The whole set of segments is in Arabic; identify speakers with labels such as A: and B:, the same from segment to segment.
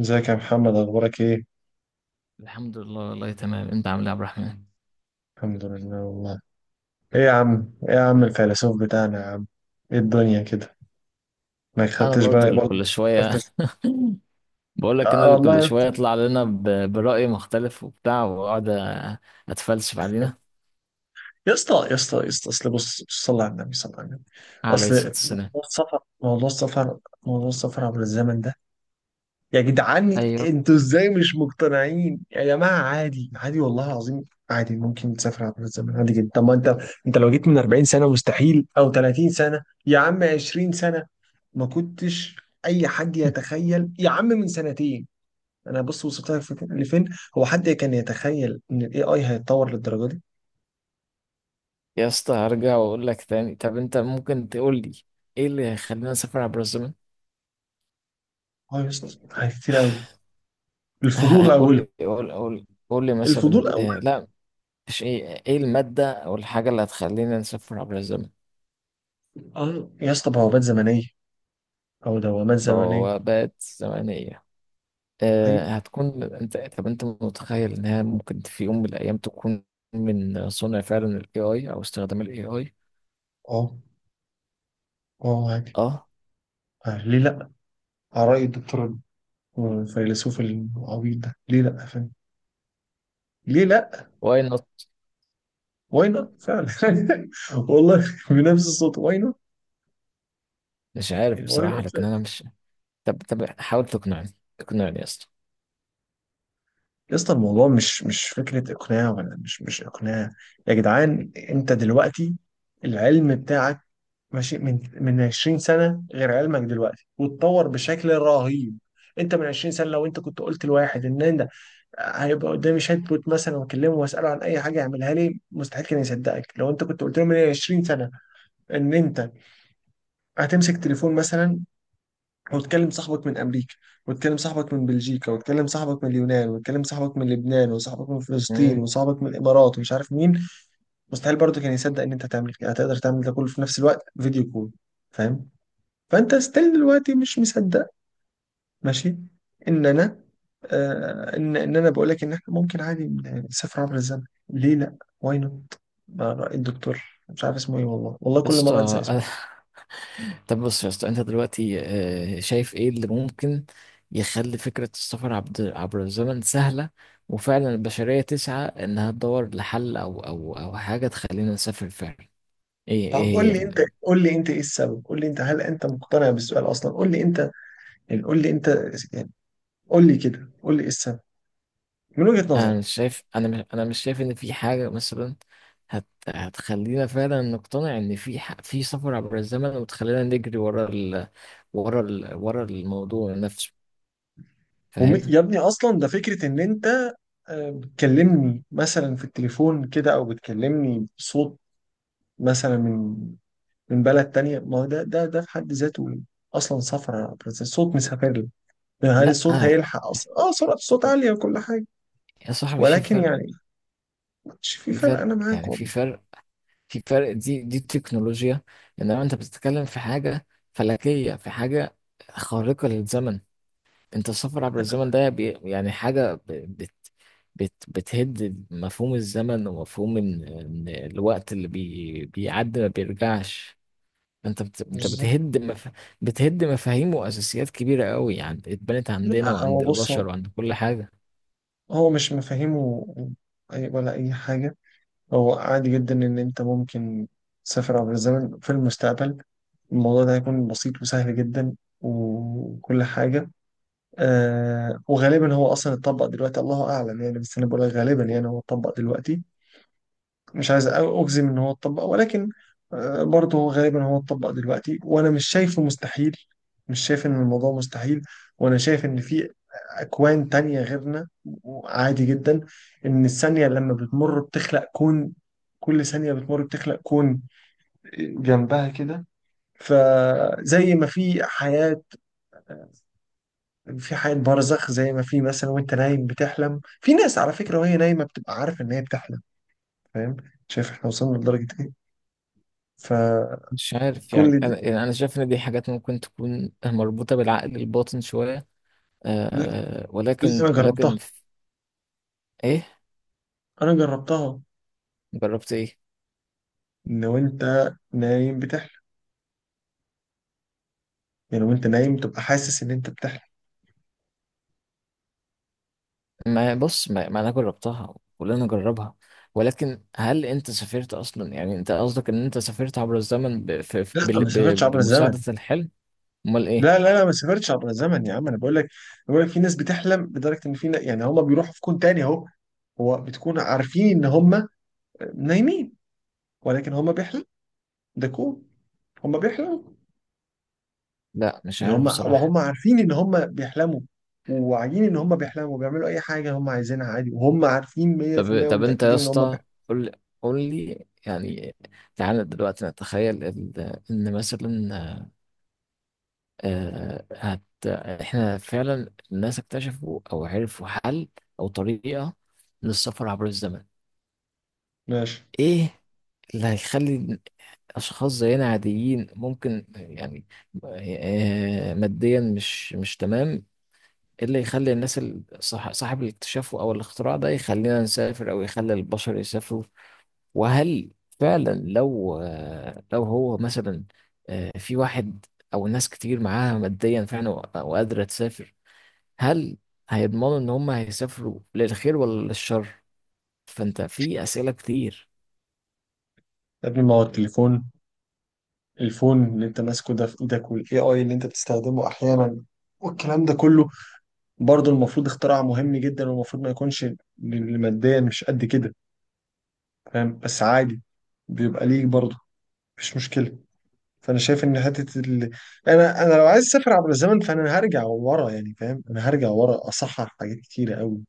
A: ازيك يا محمد، اخبارك ايه؟
B: الحمد لله والله تمام، انت عامل ايه يا عبد الرحمن؟
A: الحمد لله والله. ايه يا عم الفيلسوف بتاعنا يا عم؟ ايه الدنيا كده؟ ما
B: انا
A: خدتش
B: برضو
A: بالك
B: اللي
A: برضه، ما
B: كل شويه.
A: خدتش.
B: بقول لك
A: آه
B: انا اللي
A: والله
B: كل شويه
A: يا،
B: يطلع لنا برأي مختلف وبتاع واقعد اتفلسف علينا.
A: يا اسطى يا اسطى يا اسطى، اصل بص بص، صلي على النبي صلى الله عليه وسلم.
B: عليه الصلاه
A: اصل
B: والسلام.
A: موضوع السفر عبر الزمن ده، يا جدعان،
B: ايوه
A: انتوا ازاي مش مقتنعين يا جماعه؟ عادي، عادي والله العظيم، عادي ممكن تسافر عبر الزمن، عادي جدا. طب ما انت لو جيت من 40 سنه مستحيل، او 30 سنه يا عم، 20 سنه. ما كنتش اي حد يتخيل يا عم، من سنتين انا بص وصلت لك لفين. هو حد كان يتخيل ان الاي اي هيتطور للدرجه دي؟
B: يا اسطى، هرجع واقول لك تاني. طب انت ممكن تقول لي ايه اللي يخلينا نسافر عبر الزمن؟
A: اه يا اسطى، حاجات كتير قوي. الفضول
B: قول
A: اوله،
B: لي قول قول قول لي مثلا.
A: الفضول اوله.
B: لا، مش ايه الماده او الحاجه اللي هتخلينا نسافر عبر الزمن؟
A: اه يا اسطى، بوابات زمنيه او دوامات زمنيه.
B: بوابات زمنيه.
A: طيب.
B: هتكون انت طب انت متخيل انها ممكن في يوم من الايام تكون من صنع فعلا الاي اي او استخدام الاي اي؟
A: اه. اه عادي.
B: اه،
A: آه، ليه لا، على رأي الدكتور الفيلسوف العبيط ده. ليه لا، فاهم؟ ليه لا،
B: واي نوت.
A: واي نوت فعلا. والله، بنفس الصوت، واي نوت.
B: مش عارف
A: واي
B: بصراحه،
A: نوت.
B: لكن انا مش... طب حاول تقنعني. اقنعني يا اسطى.
A: يا اسطى، الموضوع مش فكرة إقناع، ولا مش إقناع. يا جدعان، أنت دلوقتي العلم بتاعك ماشي من 20 سنة، غير علمك دلوقتي واتطور بشكل رهيب. أنت من 20 سنة لو أنت كنت قلت لواحد إن أنت هيبقى قدامي شات بوت مثلا وأكلمه وأسأله عن أي حاجة يعملها لي، مستحيل كان يصدقك. لو أنت كنت قلت له من 20 سنة إن أنت هتمسك تليفون مثلا وتكلم صاحبك من امريكا، وتكلم صاحبك من بلجيكا، وتكلم صاحبك من اليونان، وتكلم صاحبك من لبنان، وصاحبك من فلسطين،
B: مم.
A: وصاحبك من الامارات، ومش عارف مين. مستحيل برضه كان يصدق ان انت هتعمل كده، هتقدر تعمل ده كله في نفس الوقت، فيديو كول. فاهم؟ فانت ستيل دلوقتي مش مصدق، ماشي، ان انا آه ان ان انا بقول لك ان احنا ممكن عادي نسافر عبر الزمن. ليه لا، واي نوت. الدكتور، مش عارف اسمه ايه والله، والله
B: يا
A: كل مره انسى
B: اسطى.
A: اسمه.
B: طب بص يا اسطى، انت دلوقتي شايف ايه اللي ممكن يخلي فكره السفر عبر الزمن سهله، وفعلا البشريه تسعى انها تدور لحل او حاجه تخلينا نسافر فعلا؟ ايه
A: طب قول
B: هي؟
A: لي انت، قول لي انت ايه السبب، قول لي انت، هل انت مقتنع بالسؤال اصلا؟ قول لي انت يعني، قول لي انت يعني، قول لي كده، قول لي ايه السبب من وجهة
B: انا
A: نظرك.
B: مش شايف انا مش انا مش شايف ان في حاجه مثلا هتخلينا فعلا نقتنع ان في في سفر عبر الزمن، وتخلينا نجري ورا الموضوع نفسه. فاهم؟
A: يا ابني، اصلا ده فكرة ان انت، بتكلمني مثلا في التليفون كده، او بتكلمني بصوت مثلا من بلد تانية. ما هو ده في حد ذاته اصلا سفر يا برنس. الصوت مسافر لي، يعني هل
B: لا
A: الصوت هيلحق اصلا؟ اه سرعة الصوت عالية وكل حاجة.
B: يا صاحبي، في
A: ولكن
B: فرق،
A: يعني، مش في
B: في
A: فرق، انا
B: فرق،
A: معاك
B: يعني في
A: والله،
B: فرق، في فرق، دي تكنولوجيا. انما انت بتتكلم في حاجه فلكيه، في حاجه خارقه للزمن. انت السفر عبر
A: انا
B: الزمن ده يعني حاجة ب- بت بت بتهد مفهوم الزمن، ومفهوم ان الوقت اللي بيعدي ما بيرجعش. انت
A: مش...
B: بتهد مفاهيم واساسيات كبيرة قوي، يعني اتبنت عندنا
A: لا
B: وعند
A: هو بص، هو
B: البشر وعند كل حاجة.
A: هو مش مفاهيمه، ولا اي حاجة. هو عادي جدا إن أنت ممكن تسافر عبر الزمن في المستقبل. الموضوع ده هيكون بسيط وسهل جدا وكل حاجة. وغالبا هو أصلا اتطبق دلوقتي، الله أعلم يعني، بس أنا بقول لك غالبا يعني هو اتطبق دلوقتي. مش عايز اجزم ان هو اتطبق، ولكن برضه هو غالبا هو اتطبق دلوقتي، وانا مش شايفه مستحيل. مش شايف ان الموضوع مستحيل. وانا شايف ان في اكوان تانية غيرنا. عادي جدا ان الثانية لما بتمر بتخلق كون. كل ثانية بتمر بتخلق كون جنبها كده. فزي ما في حياة، في حياة برزخ، زي ما في مثلا وانت نايم بتحلم في ناس، على فكرة وهي نايمة بتبقى عارفة ان هي بتحلم. فاهم؟ شايف احنا وصلنا لدرجة ايه؟ فكل...
B: مش عارف. يعني انا شايف ان دي حاجات ممكن تكون مربوطة بالعقل الباطن شوية.
A: لا، بس
B: ولكن
A: انا
B: ولكن
A: جربتها.
B: ايه؟
A: انا جربتها.
B: جربت ايه؟
A: ان وانت نايم بتحلم، يعني وانت نايم تبقى حاسس ان انت بتحلم.
B: ما بص ما, ما انا جربتها، كلنا جربها. ولكن هل انت سافرت اصلا؟ يعني انت قصدك ان انت سافرت عبر الزمن ب... في... في-
A: لا،
B: بال...
A: ما
B: ب...
A: سافرتش عبر الزمن.
B: بمساعدة الحلم؟ امال ايه؟
A: لا لا لا، ما سافرتش عبر الزمن يا عم، انا بقول لك. بقول لك في ناس بتحلم لدرجه ان في يعني هم بيروحوا في كون تاني اهو. هو بتكون عارفين ان هم نايمين، ولكن هم بيحلموا. ده كون. هم بيحلموا.
B: لا، مش
A: يعني
B: عارف
A: هم
B: بصراحة.
A: وهم عارفين ان هم بيحلموا، وواعيين ان هم بيحلموا، بيعملوا اي حاجه هم عايزينها عادي، وهم عارفين
B: طب
A: 100%
B: طب انت يا
A: ومتاكدين ان هم
B: اسطى،
A: بيحلموا.
B: قول قول لي يعني. تعالى دلوقتي نتخيل ان مثلا آه... هت... احنا فعلا الناس اكتشفوا او عرفوا حل او طريقة للسفر عبر الزمن.
A: ماشي.
B: ايه اللي هيخلي اشخاص زينا عاديين ممكن، يعني ماديا، مش تمام؟ إيه اللي يخلي الناس، صاحب الاكتشاف او الاختراع ده، يخلينا نسافر او يخلي البشر يسافروا؟ وهل فعلا لو هو مثلا، في واحد او ناس كتير معاها ماديا فعلا و- وقادرة تسافر، هل هيضمنوا ان هم هيسافروا للخير ولا للشر؟ فانت في اسئلة كتير.
A: يا ابني، ما هو التليفون، الفون اللي انت ماسكه ده في ايدك، والاي اي اللي انت بتستخدمه احيانا والكلام ده كله، برضه المفروض اختراع مهم جدا، والمفروض ما يكونش اللي ماديا مش قد كده. فاهم؟ بس عادي، بيبقى ليك برضه، مفيش مشكلة. فانا شايف ان حتة ال... انا لو عايز اسافر عبر الزمن، فانا هرجع ورا يعني، فاهم؟ انا هرجع ورا اصحح حاجات كتيرة قوي.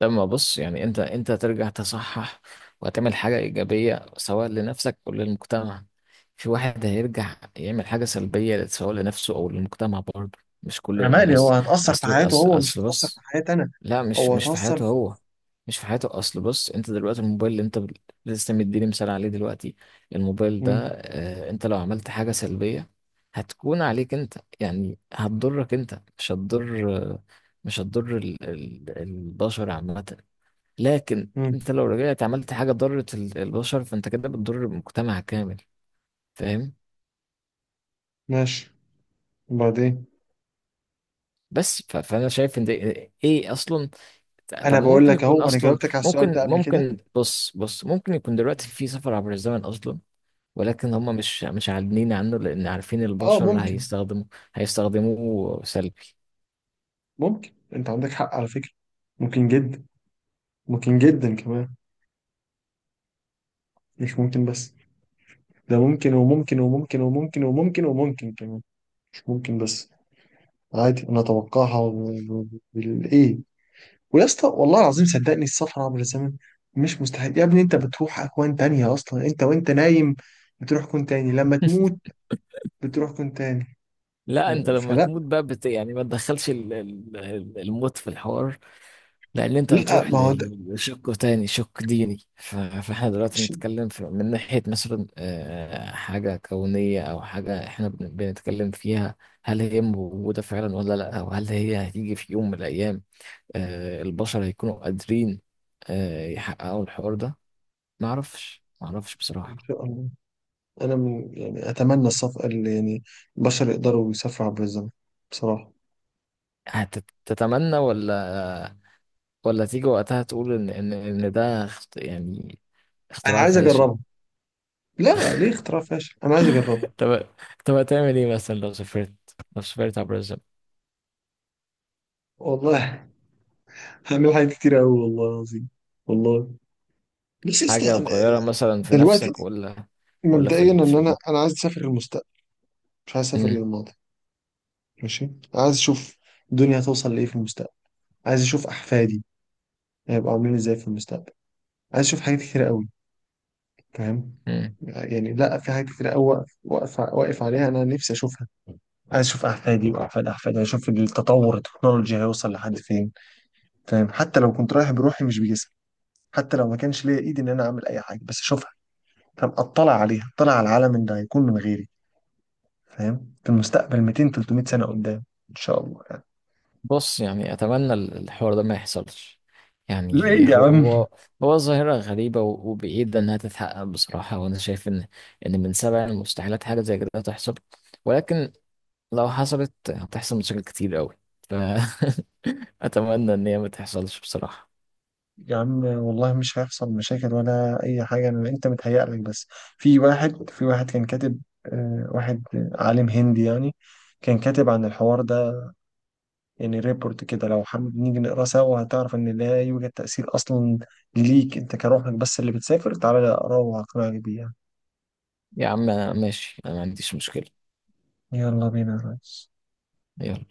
B: لما بص، يعني انت ترجع تصحح وتعمل حاجة إيجابية سواء لنفسك أو للمجتمع. في واحد هيرجع يعمل حاجة سلبية سواء لنفسه أو للمجتمع، برضه مش كل
A: انا مالي، هو
B: الناس.
A: هتأثر في
B: أصل
A: حياته
B: أصل,
A: هو، مش
B: أصل
A: هتأثر في
B: بص.
A: حياتي انا.
B: لا، مش
A: هو
B: مش في
A: هتأثر
B: حياته
A: في...
B: هو، مش في حياته. أصل بص، انت دلوقتي الموبايل اللي انت لسه مديني مثال عليه دلوقتي. الموبايل ده،
A: مم.
B: انت لو عملت حاجة سلبية، هتكون عليك انت. يعني هتضرك انت، مش هتضر، البشر عامة. لكن
A: مم.
B: انت لو رجعت عملت حاجه ضرت البشر، فانت كده بتضر المجتمع كامل. فاهم؟
A: ماشي، وبعدين؟
B: بس، فانا شايف ان ده ايه اصلا. طب
A: انا
B: ما
A: بقول
B: ممكن
A: لك
B: يكون
A: اهو، انا
B: اصلا،
A: جاوبتك على السؤال
B: ممكن
A: ده قبل كده.
B: ممكن بص بص، ممكن يكون دلوقتي في سفر عبر الزمن اصلا. ولكن هم مش عاملين عنه، لان عارفين
A: اه
B: البشر
A: ممكن.
B: هيستخدموه سلبي.
A: ممكن، انت عندك حق على فكرة. ممكن جدا، ممكن جدا كمان، مش ممكن بس. ده ممكن وممكن وممكن وممكن وممكن وممكن كمان، مش ممكن بس. عادي انا اتوقعها. بالايه؟ ويا اسطى، والله العظيم صدقني، السفر عبر الزمن مش مستحيل يا ابني. انت بتروح اكوان تانية اصلا انت وانت نايم. بتروح كون تاني لما تموت. بتروح كون تاني.
B: لا، انت
A: آه،
B: لما
A: فلا.
B: تموت بقى يعني ما تدخلش الموت في الحوار. لان انت
A: لا،
B: هتروح
A: ما هو ده،
B: لشق تاني، شق ديني. فاحنا دلوقتي
A: ماشي.
B: بنتكلم في، من ناحية مثلا حاجة كونية او حاجة احنا بنتكلم فيها. هل هي موجودة فعلا ولا لا، او هل هي هتيجي في يوم من الايام؟ البشر هيكونوا قادرين يحققوا الحوار ده؟ معرفش
A: ان
B: بصراحة.
A: شاء الله. انا من يعني اتمنى السفر اللي يعني البشر يقدروا يسافروا عبر الزمن، بصراحه.
B: هتتمنى، ولا تيجي وقتها تقول ان ان إن ده يعني
A: انا
B: اختراع
A: عايز
B: فاشل؟
A: اجربها. لا، ليه اختراع فاشل؟ انا عايز اجربها.
B: طب طب هتعمل ايه مثلا لو سافرت، لو سافرت عبر الزمن؟
A: والله. هعمل حاجات كتير قوي والله العظيم، والله. بس
B: حاجة
A: لسه أنا
B: هتغيرها مثلا في
A: دلوقتي،
B: نفسك ولا ولا في
A: مبدئيا ان
B: ال... في
A: انا
B: ال...
A: انا عايز اسافر للمستقبل، مش عايز اسافر
B: مم.
A: للماضي. ماشي. أنا عايز اشوف الدنيا هتوصل لايه في المستقبل. عايز اشوف احفادي هيبقوا عاملين ازاي في المستقبل. عايز اشوف حاجات كتير قوي، فاهم؟
B: مم.
A: يعني لا، في حاجات كتير قوي واقف واقف واقف عليها، انا نفسي اشوفها. عايز اشوف احفادي واحفاد احفادي، اشوف التطور التكنولوجي هيوصل لحد فين. فاهم؟ حتى لو كنت رايح بروحي مش بجسم، حتى لو ما كانش ليا ايدي ان انا اعمل اي حاجه، بس اشوفها. فاهم؟ اطلع عليها، اطلع على العالم اللي هيكون من غيري. فاهم؟ في المستقبل 200 300 سنه قدام، ان شاء الله يعني.
B: بص، يعني أتمنى الحوار ده ما يحصلش. يعني
A: ليه يا عم؟
B: هو ظاهرة غريبة و- وبعيدة إنها تتحقق بصراحة. وأنا شايف إن من سبع المستحيلات حاجة زي كده تحصل. ولكن لو حصلت هتحصل مشاكل كتير أوي. ف أتمنى إن هي ما تحصلش بصراحة.
A: يا عم والله مش هيحصل مشاكل ولا اي حاجه، انا انت متهيأ لك بس. في واحد، في واحد كان كاتب، واحد عالم هندي يعني، كان كاتب عن الحوار ده، يعني ريبورت كده. لو حابب نيجي نقراه سوا، هتعرف ان لا يوجد تأثير اصلا ليك انت، كروحك بس اللي بتسافر. تعالى اقراه وهقنعك بيه يعني.
B: يا عم ماشي، أنا ما عنديش مشكلة.
A: يلا بينا يا ريس.
B: يلا.